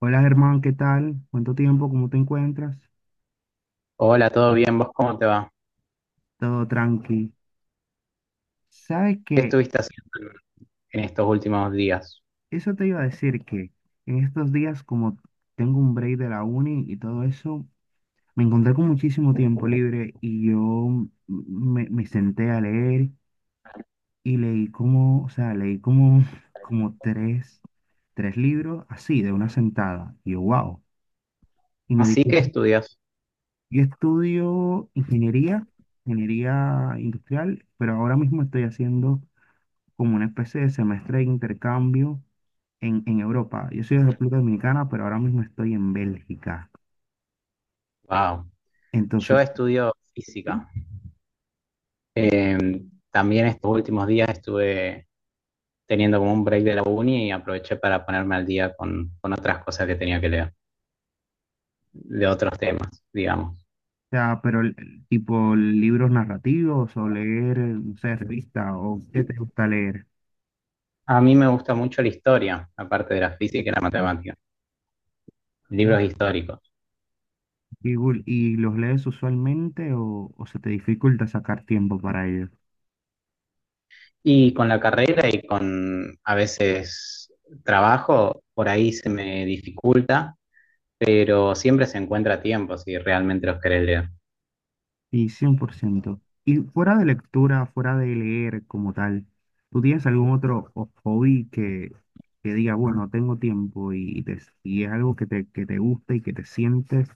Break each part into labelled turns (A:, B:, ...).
A: Hola Germán, ¿qué tal? ¿Cuánto tiempo? ¿Cómo te encuentras?
B: Hola, ¿todo bien? ¿Vos cómo te va?
A: Todo tranqui. ¿Sabes
B: ¿Qué
A: qué?
B: estuviste haciendo en estos últimos días?
A: Eso te iba a decir que en estos días, como tengo un break de la uni y todo eso, me encontré con muchísimo tiempo libre y yo me senté a leer y leí como, o sea, leí como, como tres libros así, de una sentada. Y yo, wow. Y me di
B: Así que
A: cuenta,
B: estudias.
A: yo estudio ingeniería, ingeniería industrial, pero ahora mismo estoy haciendo como una especie de semestre de intercambio en Europa. Yo soy de República Dominicana, pero ahora mismo estoy en Bélgica.
B: Wow.
A: Entonces,
B: Yo estudio
A: sí,
B: física.
A: o
B: Eh, También estos últimos días estuve teniendo como un break de la uni y aproveché para ponerme al día con otras cosas que tenía que leer, de otros temas, digamos.
A: sea, pero el tipo libros narrativos o leer, no sé, revistas o qué te gusta leer.
B: A mí me gusta mucho la historia, aparte de la física y la matemática.
A: ¿No?
B: Libros históricos.
A: ¿Y, y los lees usualmente o se te dificulta sacar tiempo para ello?
B: Y con la carrera y con a veces trabajo, por ahí se me dificulta, pero siempre se encuentra tiempo si realmente los querés leer.
A: Sí, cien por ciento. Y fuera de lectura, fuera de leer como tal, ¿tú tienes algún otro hobby que diga, bueno, tengo tiempo y, y es algo que te gusta y que te sientes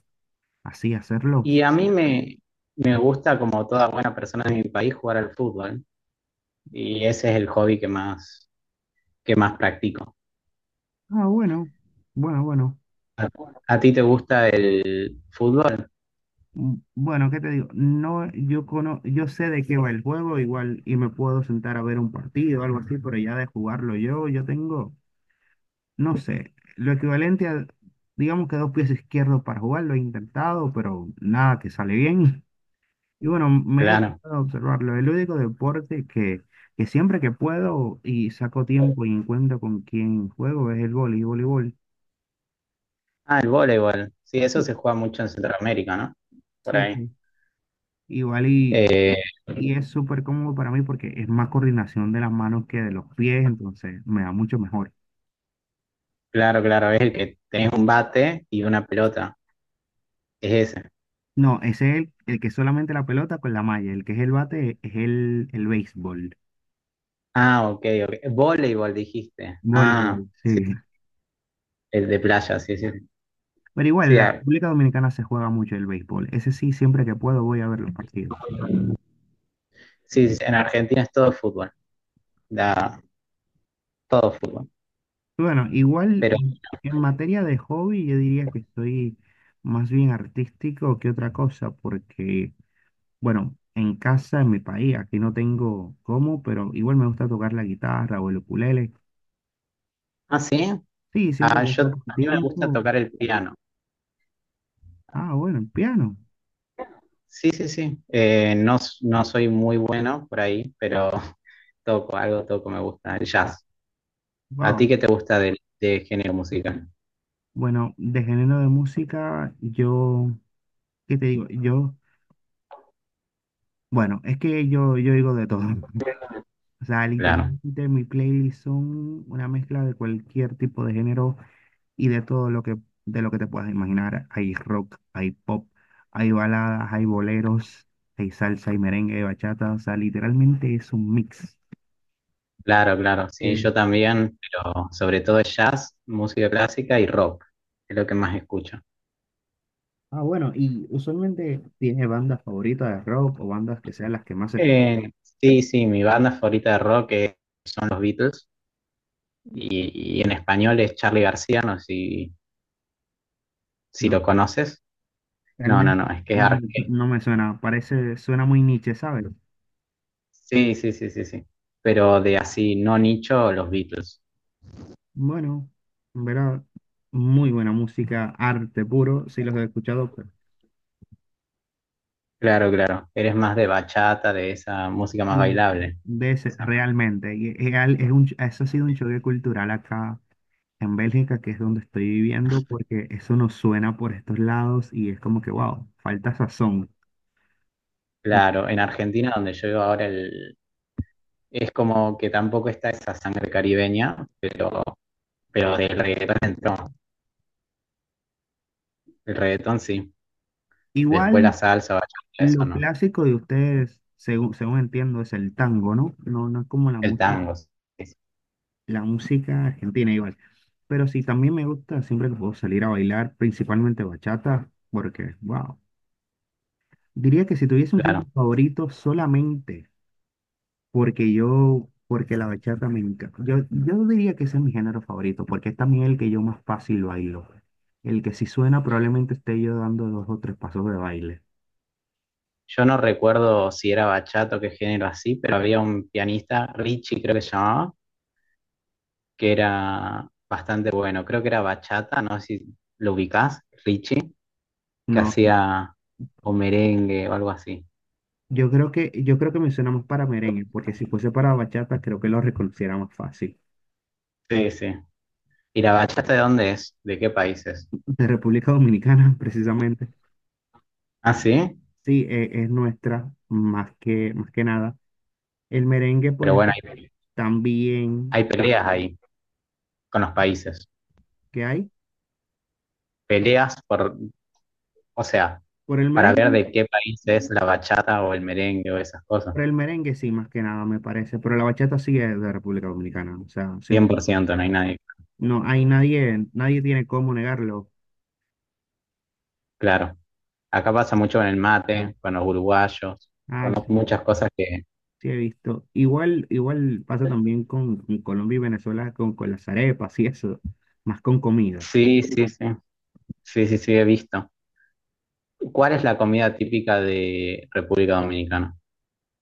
A: así hacerlo?
B: Y me gusta, como toda buena persona de mi país, jugar al fútbol. Y ese es el hobby que más practico.
A: Ah, bueno, bueno, bueno.
B: ¿A, a ti te gusta el fútbol?
A: Bueno, ¿qué te digo? No, yo sé de qué va el juego igual y me puedo sentar a ver un partido o algo así, pero ya de jugarlo yo, yo tengo, no sé, lo equivalente a, digamos que dos pies izquierdos para jugar, lo he intentado, pero nada que sale bien. Y bueno, me he
B: Claro.
A: dedicado a observarlo. El único deporte que siempre que puedo y saco tiempo y encuentro con quien juego es el vóley, voleibol.
B: Ah, el voleibol. Sí, eso se juega mucho en Centroamérica, ¿no? Por
A: Sí,
B: ahí.
A: sí. Igual
B: Eh,
A: y es súper cómodo para mí porque es más coordinación de las manos que de los pies, entonces me da mucho mejor.
B: claro, es el que tenés un bate y una pelota. Es ese.
A: No, ese es el que es solamente la pelota con la malla, el que es el bate es el béisbol.
B: Ah, ok, ok. Voleibol dijiste. Ah,
A: Voleibol,
B: sí,
A: sí.
B: el de playa, sí, sí.
A: Pero igual, en
B: Sí,
A: la
B: a-
A: República Dominicana se juega mucho el béisbol. Ese sí, siempre que puedo voy a ver los partidos.
B: sí, sí, en Argentina es todo fútbol, da, todo fútbol.
A: Bueno, igual
B: Pero,
A: en materia de hobby, yo diría que soy más bien artístico que otra cosa, porque, bueno, en casa, en mi país, aquí no tengo cómo, pero igual me gusta tocar la guitarra o el ukulele.
B: ah, sí,
A: Sí, siempre que
B: a
A: saco
B: mí me gusta
A: tiempo.
B: tocar el piano.
A: Ah, bueno, el piano.
B: Sí, sí, sí. No soy muy bueno por ahí, pero toco, algo toco, me gusta, el jazz. ¿A ti
A: Wow.
B: qué te gusta de género musical?
A: Bueno, de género de música, yo, ¿qué te digo? Yo, bueno, es que yo digo de todo. O sea,
B: Claro,
A: literalmente mi playlist son una mezcla de cualquier tipo de género y de todo lo que, de lo que te puedas imaginar. Hay rock, hay pop, hay baladas, hay boleros, hay salsa, hay merengue, hay bachata. O sea, literalmente es un mix.
B: claro. Sí,
A: Eh,
B: yo también, pero sobre todo jazz, música clásica y rock, es lo que más escucho.
A: ah, bueno, y usualmente tiene bandas favoritas de rock o bandas que sean las que más escucho.
B: Eh, sí, sí, mi banda favorita de rock son los Beatles y en español es Charly García, no sé si, si
A: No,
B: lo conoces. No, no,
A: realmente
B: no, es que es
A: no, no me suena. Parece, suena muy niche, ¿sabes?
B: sí, sí, sí, sí, sí. Pero de así, no nicho, los Beatles.
A: Bueno, en verdad, muy buena música, arte puro. Sí los he escuchado.
B: Claro, claro. Eres más de bachata, de esa música más
A: Sí,
B: bailable.
A: de
B: Esa.
A: realmente. Y es, es un, eso ha sido un choque cultural acá en Bélgica, que es donde estoy viviendo, porque eso nos suena por estos lados y es como que, wow, falta sazón, ¿no?
B: Claro, en Argentina, donde yo vivo ahora, el... es como que tampoco está esa sangre caribeña, pero del reggaetón entró. El reggaetón sí. Después la
A: Igual
B: salsa, bachata, eso
A: lo
B: no.
A: clásico de ustedes, según, según entiendo, es el tango, ¿no? No, no es como
B: El tango, sí, sí,
A: la música argentina igual. Pero sí, también me gusta siempre que puedo salir a bailar, principalmente bachata, porque, wow, diría que si tuviese un género
B: claro.
A: favorito solamente. Porque yo, porque la bachata me encanta. Yo diría que ese es mi género favorito, porque es también el que yo más fácil bailo. El que si suena probablemente esté yo dando dos o tres pasos de baile.
B: Yo no recuerdo si era bachata o qué género así, pero había un pianista, Richie creo que se llamaba, que era bastante bueno. Creo que era bachata, no sé si lo ubicás, Richie, que
A: No,
B: hacía o merengue o algo así.
A: yo creo que me suena más para merengue, porque si fuese para bachata creo que lo reconociera más fácil.
B: Sí, sí. ¿Y la bachata de dónde es? ¿De qué países?
A: De República Dominicana, precisamente.
B: Ah, sí.
A: Sí, es, nuestra, más que nada. El merengue, por
B: Pero bueno,
A: ejemplo, también
B: hay peleas ahí con los países.
A: que hay.
B: Peleas por, o sea,
A: Por el
B: para ver
A: merengue.
B: de qué país es la bachata o el merengue o esas cosas.
A: Por el merengue sí, más que nada, me parece, pero la bachata sí es de República Dominicana, o sea,
B: cien
A: siempre,
B: por ciento no hay nadie.
A: no hay nadie, nadie tiene cómo negarlo.
B: Claro, acá pasa mucho con el mate, con los uruguayos,
A: Ah,
B: con
A: sí,
B: muchas cosas que...
A: sí he visto. Igual, igual pasa también con Colombia y Venezuela, con las arepas y eso, más con comida.
B: Sí, sí, sí, sí, sí, sí, he visto. ¿Cuál es la comida típica de República Dominicana?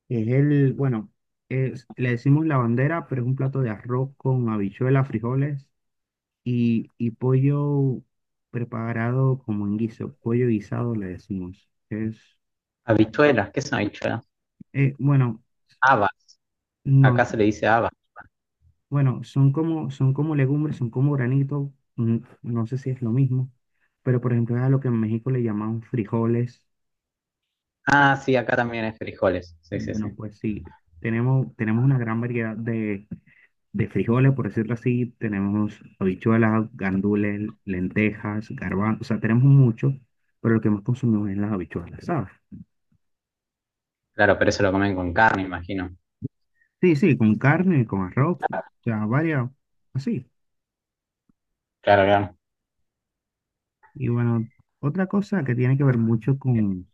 A: Es el, bueno, le decimos la bandera, pero es un plato de arroz con habichuelas, frijoles y pollo preparado como en guiso, pollo guisado le decimos. Es,
B: Habichuelas, ¿qué son habichuelas?
A: bueno.
B: Habas,
A: No,
B: acá se le dice habas.
A: bueno, son como legumbres, son como granitos, mm, no sé si es lo mismo, pero por ejemplo es a lo que en México le llaman frijoles.
B: Ah, sí, acá también hay frijoles, sí, sí, sí.
A: Bueno, pues sí, tenemos, tenemos una gran variedad de frijoles, por decirlo así, tenemos habichuelas, gandules, lentejas, garbanzos, o sea, tenemos mucho, pero lo que más consumimos es las habichuelas, ¿sabes?
B: Claro, pero eso lo comen con carne, imagino.
A: Sí, sí, con carne, con arroz, o sea, varias, así.
B: Claro, claro.
A: Y bueno, otra cosa que tiene que ver mucho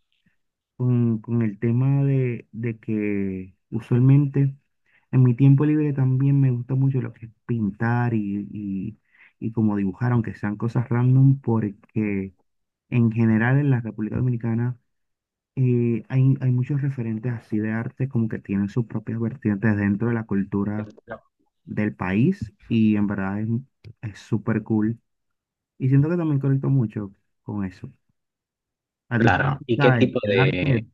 A: con el tema de que usualmente en mi tiempo libre también me gusta mucho lo que es pintar y como dibujar, aunque sean cosas random, porque en general en la República Dominicana hay, hay muchos referentes así de arte como que tienen sus propias vertientes dentro de la cultura del país y en verdad es súper cool. Y siento que también conecto mucho con eso. A ti, te
B: Claro, ¿y qué
A: gusta
B: tipo
A: el arte,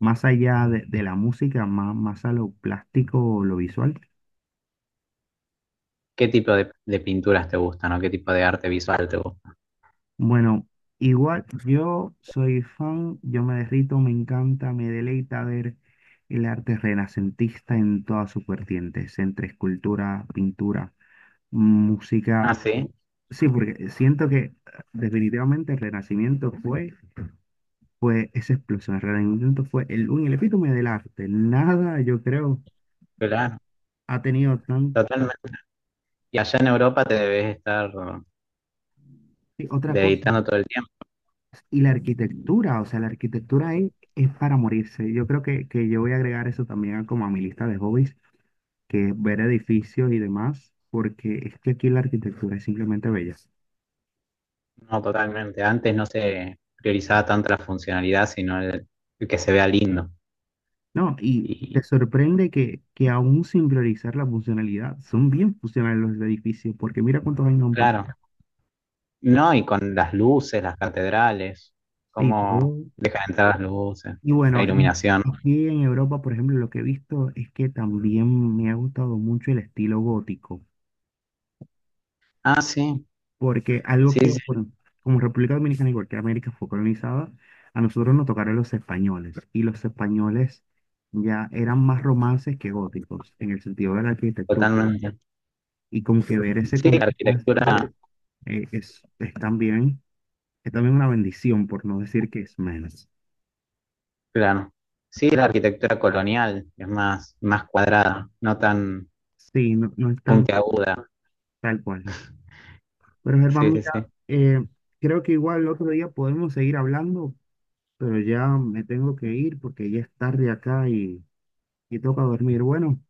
A: más allá de la música, más, más a lo plástico, lo visual.
B: qué tipo de pinturas te gustan o qué tipo de arte visual te gusta?
A: Bueno, igual yo soy fan, yo me derrito, me encanta, me deleita ver el arte renacentista en todas sus vertientes, entre escultura, pintura,
B: Ah,
A: música.
B: sí,
A: Sí, porque siento que definitivamente el Renacimiento fue, fue esa explosión, el Renacimiento fue el, el epítome del arte. Nada, yo creo,
B: claro,
A: ha tenido tan...
B: totalmente. Y allá en Europa te debes estar
A: Sí, otra
B: de editando
A: cosa.
B: todo el tiempo.
A: Y la arquitectura, o sea, la arquitectura ahí es para morirse. Yo creo que yo voy a agregar eso también como a mi lista de hobbies, que es ver edificios y demás, porque es que aquí la arquitectura es simplemente bella.
B: No, totalmente. Antes no se priorizaba tanto la funcionalidad, sino el que se vea lindo.
A: No, y te
B: Y
A: sorprende que aún sin priorizar la funcionalidad, son bien funcionales los edificios, porque mira cuántos años han pasado
B: claro, no, y con las luces, las catedrales,
A: y
B: cómo
A: todo.
B: dejan entrar las luces,
A: Y
B: la
A: bueno,
B: iluminación.
A: aquí en Europa, por ejemplo, lo que he visto es que también me ha gustado mucho el estilo gótico.
B: Ah, sí,
A: Porque algo
B: sí,
A: que,
B: sí,
A: bueno, como República Dominicana, igual que América fue colonizada, a nosotros nos tocaron los españoles. Y los españoles ya eran más romances que góticos, en el sentido de la arquitectura.
B: totalmente.
A: Y como que ver ese
B: Sí, la
A: contraste
B: arquitectura,
A: eh, es, es también, es también una bendición, por no decir que es menos.
B: claro. Sí, la arquitectura colonial es más, más cuadrada, no tan
A: Sí, no, no es tan
B: puntiaguda.
A: tal cual. Pero Germán,
B: Sí, sí, sí.
A: mira, eh, creo que igual el otro día podemos seguir hablando, pero ya me tengo que ir porque ya es tarde acá y toca dormir. Bueno.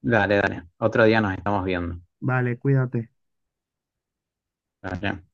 B: Dale, dale. Otro día nos estamos viendo.
A: Vale, cuídate.
B: Dale.